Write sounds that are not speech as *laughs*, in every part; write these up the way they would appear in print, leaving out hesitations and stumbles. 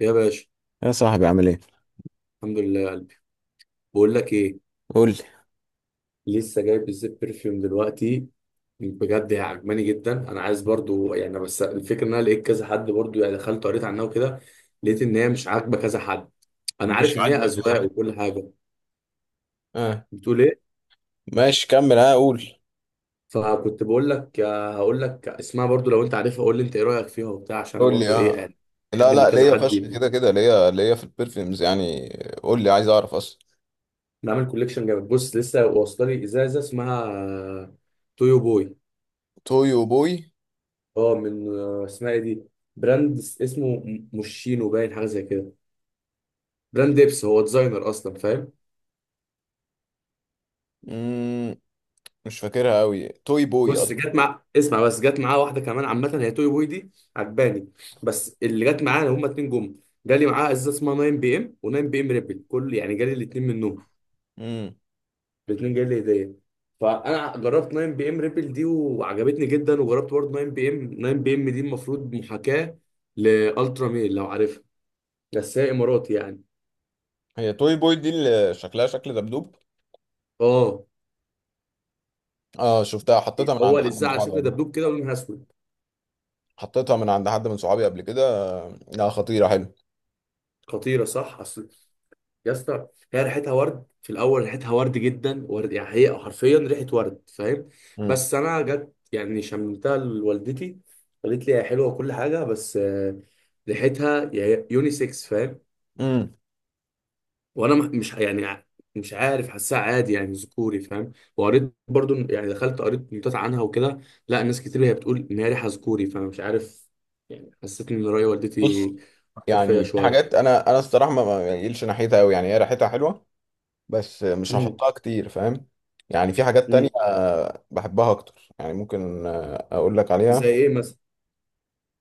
يا باشا، يا صاحبي عامل ايه؟ الحمد لله يا قلبي. بقول لك ايه، قول لي. لسه جايب الزيت برفيوم دلوقتي. بجد هي عجباني جدا، انا عايز برضو يعني، بس الفكره ان انا لقيت كذا حد برضو يعني، دخلت قريت عنها وكده، لقيت ان هي مش عاجبه كذا حد. انا مش عارف ان هي عاجبك يا اذواق صاحبي؟ وكل حاجه. اه. بتقول ايه؟ ماشي، كمل، اه، قول. فكنت بقول لك هقول لك اسمها برضو، لو انت عارفها قول لي انت ايه رايك فيها وبتاع، عشان انا قول لي، برضو ايه اه. يعني بحب لا ان لا كذا ليا حد فشخ، يبني. كده كده ليا في البرفيومز يعني. قول لي، عايز اعرف اصلا. نعمل كوليكشن جامد. بص لسه واصله لي ازازه اسمها تويو بوي، توي وبوي. اه من اسمها ايه دي، براند اسمه موشينو، باين حاجه زي كده، براند ديبس، هو ديزاينر اصلا، فاهم؟ مم. مش فاكرها قوي، توي بوي بص اصلا. جت مع اسمع بس، جت معاه واحده كمان عامه هي توي بوي دي، عجباني، بس اللي جت معانا هما اتنين جم. جالي معاه ازازه اسمها 9 بي ام و9 بي ام ريبل، كل يعني جالي الاتنين منهم، امم. الاتنين جالي هديه. فانا جربت 9 بي ام ريبل دي وعجبتني جدا، وجربت برضه 9 بي ام، 9 بي ام دي المفروض محاكاه لالترا ميل لو عارفها، بس هي اماراتي يعني. هي توي بوي دي اللي شكلها شكل دبدوب؟ اه، اه، شفتها، حطيتها من هو عند حد لزق من على صحابي شكل قبل. دبدوب كده ولونها اسود. حطيتها من عند حد من صحابي قبل كده. لا، خطيرة، حلو. خطيره، صح اصل. يا اسطى هي ريحتها ورد في الاول، ريحتها ورد جدا، ورد يعني، هي حرفيا ريحه ورد، فاهم؟ امم. بس انا جت يعني شممتها لوالدتي، قالت لي هي حلوه وكل حاجه، بس ريحتها يونيسكس، فاهم؟ امم. وانا مش يعني، مش عارف، حاسها عادي يعني ذكوري، فاهم؟ وقريت برضو يعني، دخلت قريت نوتات عنها وكده، لا ناس كتير هي بتقول ان هي ريحه ذكوري، فانا مش عارف يعني. حسيت ان راي بص، والدتي اثر فيا يعني في حاجات شويه. انا الصراحه ما يقلش ناحيتها قوي، يعني هي ريحتها حلوه، بس مش امم. هحطها كتير، فاهم؟ يعني في حاجات تانية امم. بحبها اكتر، يعني ممكن اقول لك زي عليها. ايه مثلا؟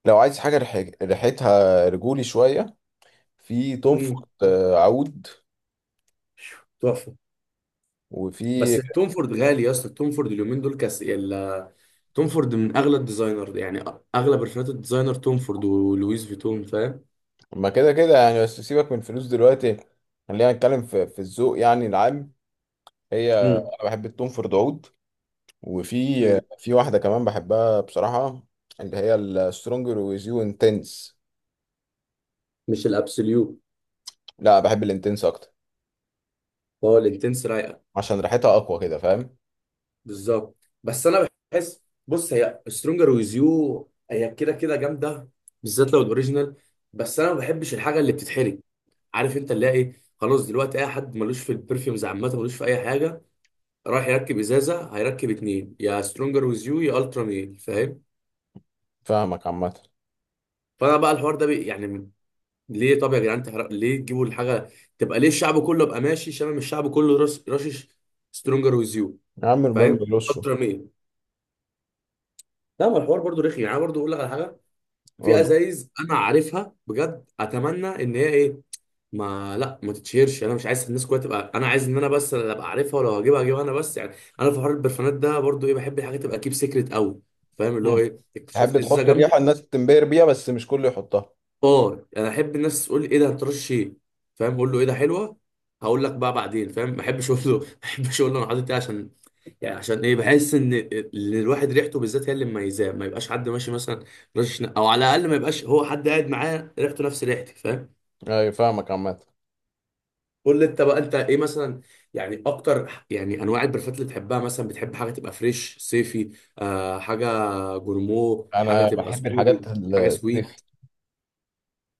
لو عايز حاجة ريحتها رجولي شوية، في توم فورد امم. عود. تحفه. وفي بس التوم فورد غالي يا اسطى، التوم فورد اليومين دول كاس توم فورد من اغلى الديزاينر يعني، اغلى برفانات الديزاينر توم فورد ولويس فيتون، فاهم؟ ما كده كده يعني، بس سيبك من الفلوس دلوقتي. خلينا نتكلم في الذوق يعني العام. هي، امم. انا بحب التوم فورد عود. وفي امم. في واحدة كمان بحبها بصراحة، اللي هي السترونجر ويز يو انتنس. مش الابسوليوت؟ لا، بحب الانتنس اكتر، هو الانتنس رايقه. عشان ريحتها اقوى كده، فاهم؟ بالظبط. بس انا بحس، بص هي سترونجر ويز يو هي كده كده جامده، بالذات لو الاوريجينال، بس انا ما بحبش الحاجه اللي بتتحرق. عارف انت اللي هي ايه، خلاص دلوقتي اي حد ملوش في البرفيومز عامه ملوش في اي حاجه، رايح يركب ازازه هيركب اتنين، يا سترونجر ويز يو يا الترا ميل، فاهم؟ فاهمك عامة. فانا بقى الحوار ده بي يعني، ليه؟ طب يا جدعان تحرق، ليه تجيبوا الحاجه تبقى ليه الشعب كله يبقى ماشي شامم، الشعب كله راس رشش سترونجر ويز يو. يا عم المهم فاهم؟ رشه. الترا ميل. لا ما الحوار برضو رخي يعني، انا برضو اقول لك على حاجه. في قول لي. ازايز انا عارفها بجد اتمنى ان هي ايه، ما تتشهرش، انا مش عايز الناس كلها تبقى، انا عايز ان انا بس اللي ابقى عارفها، ولو هجيبها هجيبها انا بس يعني. انا في حوار البرفانات ده برضو ايه، بحب الحاجه تبقى كيب سيكريت قوي، فاهم؟ اللي مم. هو ايه، تحب اكتشفت ازازه تحط الريحه جامده. الناس تنبهر بيها، بس مش كله يحطها. اه انا احب الناس تقول لي ايه ده، هترش ايه؟ فاهم؟ اقول له ايه ده حلوه، هقول لك بقى بعدين، فاهم؟ ما احبش اقول له *laughs* ما احبش اقول له انا حاطط ايه، عشان يعني، عشان ايه، بحس ان الواحد ريحته بالذات هي اللي مميزاه، ما يبقاش حد ماشي مثلا رش، او على الاقل ما يبقاش هو حد قاعد معاه ريحته نفس ريحتي، فاهم؟ اي، فاهمك عامة. قول لي انت بقى، انت ايه مثلا يعني اكتر يعني انواع البرفات اللي تحبها؟ مثلا بتحب حاجه تبقى فريش صيفي، آه، حاجه جورمو، حاجه انا تبقى بحب سكوري، الحاجات حاجه الصيفي، سويت،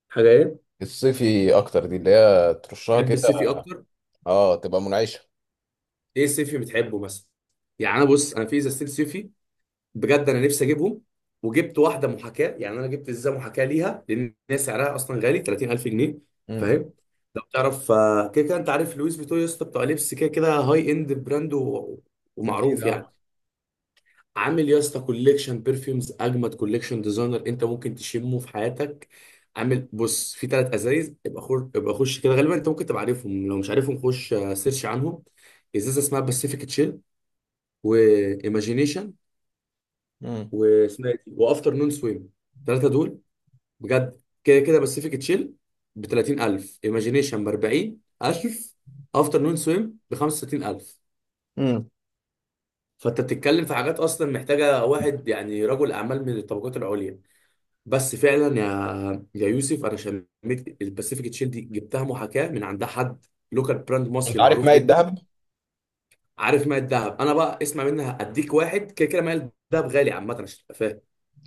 حاجه ايه؟ الصيفي اكتر، دي اللي هي ترشها تحب كده. الصيفي اكتر؟ اه، تبقى منعشه. ايه سيفي بتحبه مثلا؟ يعني انا، بص انا في ازازتين سيفي بجد انا نفسي اجيبهم، وجبت واحده محاكاه، يعني انا جبت ازازه محاكاه ليها لان هي سعرها اصلا غالي، 30,000 جنيه، امم. فاهم؟ لو تعرف كده كده انت عارف لويس فيتو يا اسطى، بتوع لبس كده كده، هاي اند براند اكيد ومعروف يعني، اه. عامل يا اسطى كوليكشن برفيومز اجمد كوليكشن ديزاينر انت ممكن تشمه في حياتك. عامل بص في ثلاث ازايز، ابقى خش ابقى خش كده، غالبا انت ممكن تبقى عارفهم، لو مش عارفهم خش سيرش عنهم. ازازه اسمها باسيفيك تشيل، وايماجينيشن، امم. واسمها إيه دي؟ وافتر نون سويم. الثلاثه دول بجد، كده كده باسيفيك تشيل ب 30,000، ايماجينيشن ب 40,000، افتر نون سويم ب 65,000. امم. فانت بتتكلم في حاجات اصلا محتاجه واحد يعني رجل اعمال من الطبقات العليا. بس فعلا يا يوسف، انا شميت الباسيفيك تشيل دي، جبتها محاكاه من عند حد، لوكال براند انت مصري عارف معروف ماء جدا. الدهب؟ عارف ماء الذهب؟ انا بقى اسمع منها، اديك واحد كده كده، ماء الذهب غالي عامه عشان تبقى فاهم،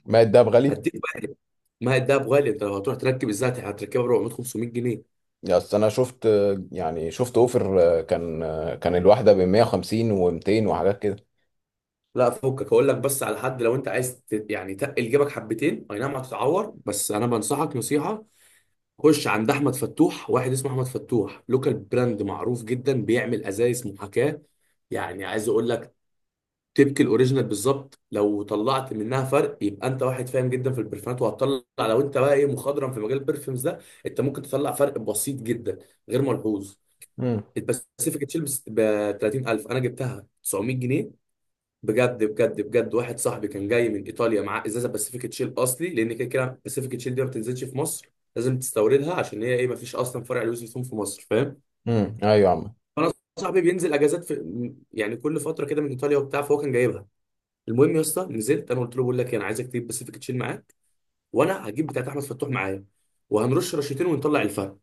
ماء الدهب غالي. هديك بقى. ما هي الدهب غالي، انت لو هتروح تركب الزيت هتركبها ب 400 500 جنيه. يا اصل انا شفت، يعني شفت اوفر، كان الواحده ب 150 و200 وحاجات كده. لا فكك، هقول لك بس على حد، لو انت عايز يعني تقل جيبك حبتين، اي نعم هتتعور، بس انا بنصحك نصيحه، خش عند احمد فتوح، واحد اسمه احمد فتوح لوكال براند معروف جدا بيعمل ازايز محاكاه، يعني عايز اقول لك تبكي الاوريجينال بالظبط. لو طلعت منها فرق يبقى انت واحد فاهم جدا في البرفانات، وهتطلع لو انت بقى ايه، مخضرم في مجال البرفيومز ده، انت ممكن تطلع فرق بسيط جدا، غير ملحوظ. امم. الباسيفيك تشيلبس ب 30,000، انا جبتها 900 جنيه بجد بجد بجد. واحد صاحبي كان جاي من ايطاليا معاه ازازه باسيفيك تشيل اصلي، لان كده كده باسيفيك تشيل دي ما بتنزلش في مصر، لازم تستوردها، عشان هي ايه، ما فيش اصلا فرع لويس فيتون في مصر، فاهم؟ امم. ايوه يا عم. فانا صاحبي بينزل اجازات في يعني كل فتره كده من ايطاليا وبتاع، فهو كان جايبها. المهم يا اسطى نزلت، انا قلت له بقول لك إيه، انا عايزك تجيب باسيفيك تشيل معاك، وانا هجيب بتاعت احمد فتوح معايا، وهنرش رشتين ونطلع الفرق.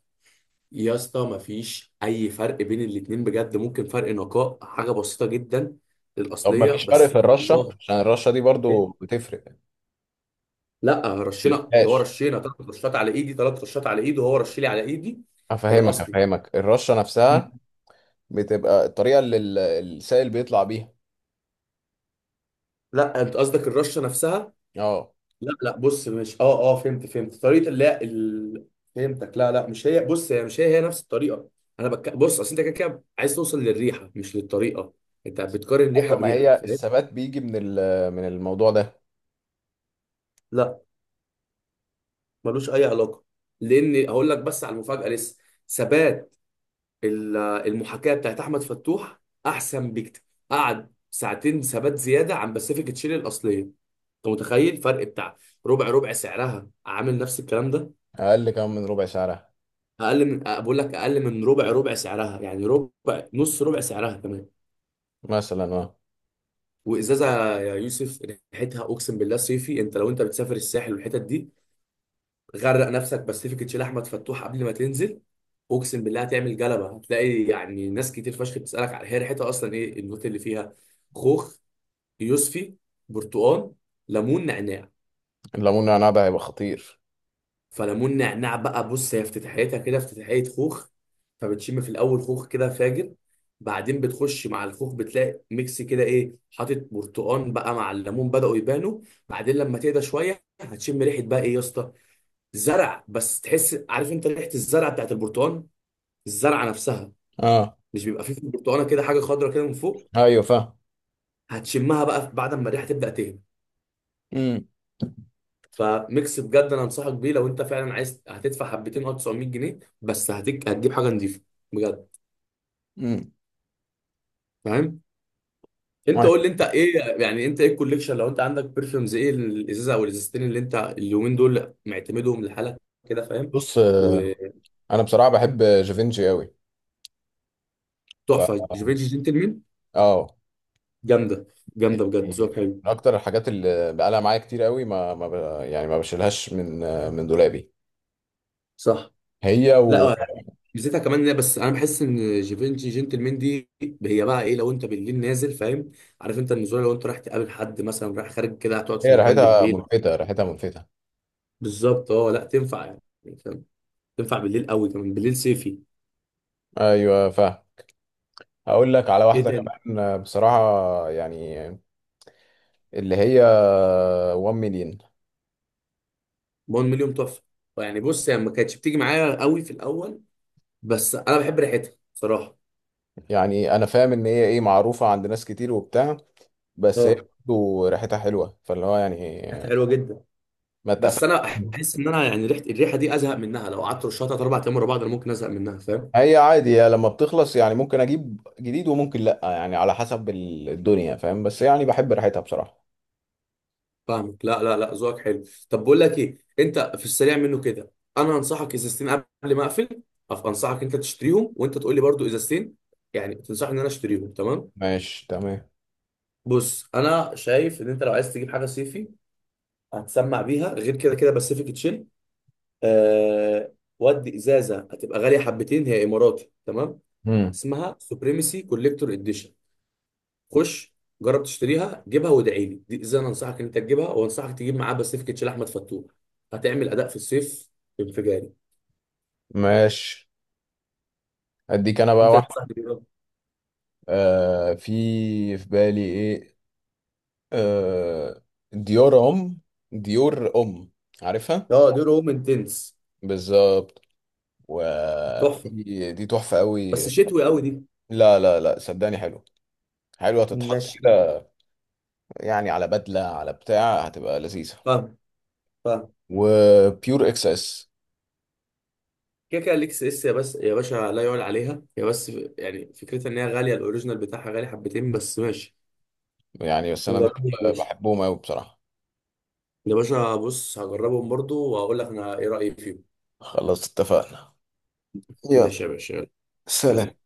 يا اسطى مفيش اي فرق بين الاتنين بجد، ممكن فرق نقاء حاجه بسيطه جدا طب ما للاصليه، فيش فرق بس في الرشه؟ والله. عشان الرشه دي إيه؟ برضو بتفرق. لا رشينا، اللي هو الاسفاش. رشينا ثلاث رشات على ايدي، ثلاث رشات على ايده، وهو رش لي على ايدي افهمك الاصلي. افهمك الرشه مم. نفسها. بتبقى الطريقه اللي السائل بيطلع بيها. لا انت قصدك الرشه نفسها. اه. لا لا بص، مش اه اه فهمت فهمت طريقه، لا ال... فهمتك. لا لا مش هي، بص هي مش هي نفس الطريقه. انا بص اصل انت كده كده عايز توصل للريحه مش للطريقه، انت بتقارن ريحه ايوه، ما بريحه، هي فاهم؟ الثبات بيجي من الموضوع ده. لا ملوش اي علاقه، لان هقول لك بس على المفاجاه لسه، ثبات المحاكاه بتاعت احمد فتوح احسن بكتير، قعد ساعتين ثبات زياده عن باسيفيك تشيلي الاصليه. انت متخيل؟ فرق بتاع ربع، ربع سعرها عامل نفس الكلام ده. اقل كمان من ربع سعرها، اقل من، بقول لك اقل من ربع، ربع سعرها يعني، ربع نص ربع سعرها كمان. مثلا. اه. وازازه يا يوسف ريحتها اقسم بالله صيفي، انت لو انت بتسافر الساحل والحتت دي، غرق نفسك باسيفيك تشيل احمد فتوح قبل ما تنزل، اقسم بالله هتعمل جلبه، هتلاقي يعني ناس كتير فشخ بتسالك على هي ريحتها اصلا ايه النوت اللي فيها. خوخ، يوسفي، برتقال، ليمون، نعناع. الليمون والنعناع ده هيبقى خطير. فليمون نعناع بقى، بص هي افتتاحيتها كده افتتاحية خوخ، فبتشم في الأول خوخ كده فاجر، بعدين بتخش مع الخوخ بتلاقي ميكس كده، إيه حاطط برتقان بقى مع الليمون، بدأوا يبانوا. بعدين لما تهدى شوية هتشم ريحة بقى إيه يا اسطى، زرع بس، تحس، عارف أنت ريحة الزرع بتاعت البرتقان، الزرعة نفسها، اه، مش بيبقى فيه في البرتقانة كده حاجة خضرا كده من فوق، ايوه فاهم. هتشمها بقى بعد ما الريحة تبدأ تهدى. امم. فميكس بجد انا انصحك بيه، لو انت فعلا عايز، هتدفع حبتين او 900 جنيه بس هتجيب حاجه نظيفه، بجد امم. فاهم. انت قول لي انت ايه يعني، انت ايه الكوليكشن؟ لو انت عندك برفيومز، ايه الازازه او الازازتين اللي انت اليومين دول معتمدهم لحالك كده، فاهم؟ بص، وتحفه. انا بصراحه بحب جافينجي قوي. ف جيفيتش جنتلمان، اه، جامده. جامده يعني بجد ذوقك حلو. من اكتر الحاجات اللي بقالها معايا كتير قوي، ما ما ب... يعني ما بشيلهاش من دولابي. صح. هي لا وهي، ميزتها كمان، إن بس انا بحس ان جيفينشي جنتلمان دي، هي بقى ايه، لو انت بالليل نازل، فاهم؟ عارف انت النزول، لو انت رايح تقابل حد مثلا، رايح خارج كده، هتقعد في مكان ريحتها بالليل، ملفتة، ريحتها ملفتة. بالظبط اه، لا تنفع يعني، فاهم؟ تنفع بالليل قوي، كمان بالليل صيفي. ايوه فاهم. هقول لك على ايه واحده تاني؟ كمان بصراحه، يعني اللي هي 1 مليون. 1 مليون، تحفه. يعني بص هي يعني ما كانتش بتيجي معايا قوي في الاول، بس انا بحب ريحتها بصراحه. يعني انا فاهم ان هي ايه معروفه عند ناس كتير وبتاع، بس هي اه برضه ريحتها حلوه، فاللي هو يعني ريحتها حلوه جدا، ما بس اتقفلش. انا احس ان انا يعني ريحه، الريحه دي ازهق منها لو قعدت رشها تلات اربع ايام ورا بعض، انا ممكن ازهق منها، فاهم؟ هي عادي يا، لما بتخلص يعني ممكن اجيب جديد وممكن لا، يعني على حسب الدنيا، فاهم؟ بس يعني بحب ريحتها بصراحه. فاهمك. لا لا لا، ذوقك حلو. طب بقول لك ايه، انت في السريع منه كده، انا انصحك ازازتين قبل ما اقفل، انصحك انت تشتريهم، وانت تقول لي برضو ازازتين، يعني تنصحني ان انا اشتريهم، تمام؟ ماشي تمام. بص انا شايف ان انت لو عايز تجيب حاجه صيفي، هتسمع بيها غير كده كده باسيفيك تشيل، آه، ودي ازازه هتبقى غاليه حبتين هي اماراتي، تمام؟ امم. اسمها سوبريمسي كوليكتور اديشن. خش جرب تشتريها، جيبها وادعي لي، دي ازازه انا انصحك ان انت تجيبها، وانصحك تجيب معاه باسيفيك تشيل احمد فتوح، هتعمل اداء في الصيف انفجاري. ماشي. اديك انا بقى انت واحده. تنصحني بيها؟ في بالي ايه. آه ديار ام ديور ام، عارفها؟ اه دي روم انتنس. بالظبط. تحفه، ودي تحفة بس قوي. شتوي قوي دي. لا لا لا، صدقني حلو، حلوة تتحط ماشي. كده، يعني على بدلة على بتاع هتبقى لذيذة. فاهم، فاهم. وبيور اكس اس. كده كده الاكس اس يا بس يا باشا لا يعلى عليها هي بس، يعني فكرتها ان هي غاليه، الاوريجينال بتاعها غالي حبتين، بس ماشي يعني بس انا دول نجربهم يا باشا. بحبهم قوي بصراحة. يا باشا بص هجربهم برضو وهقول لك انا ايه رايي فيهم. خلاص، اتفقنا. يلا. ماشي يا باشا، يلا. سلام. سلام.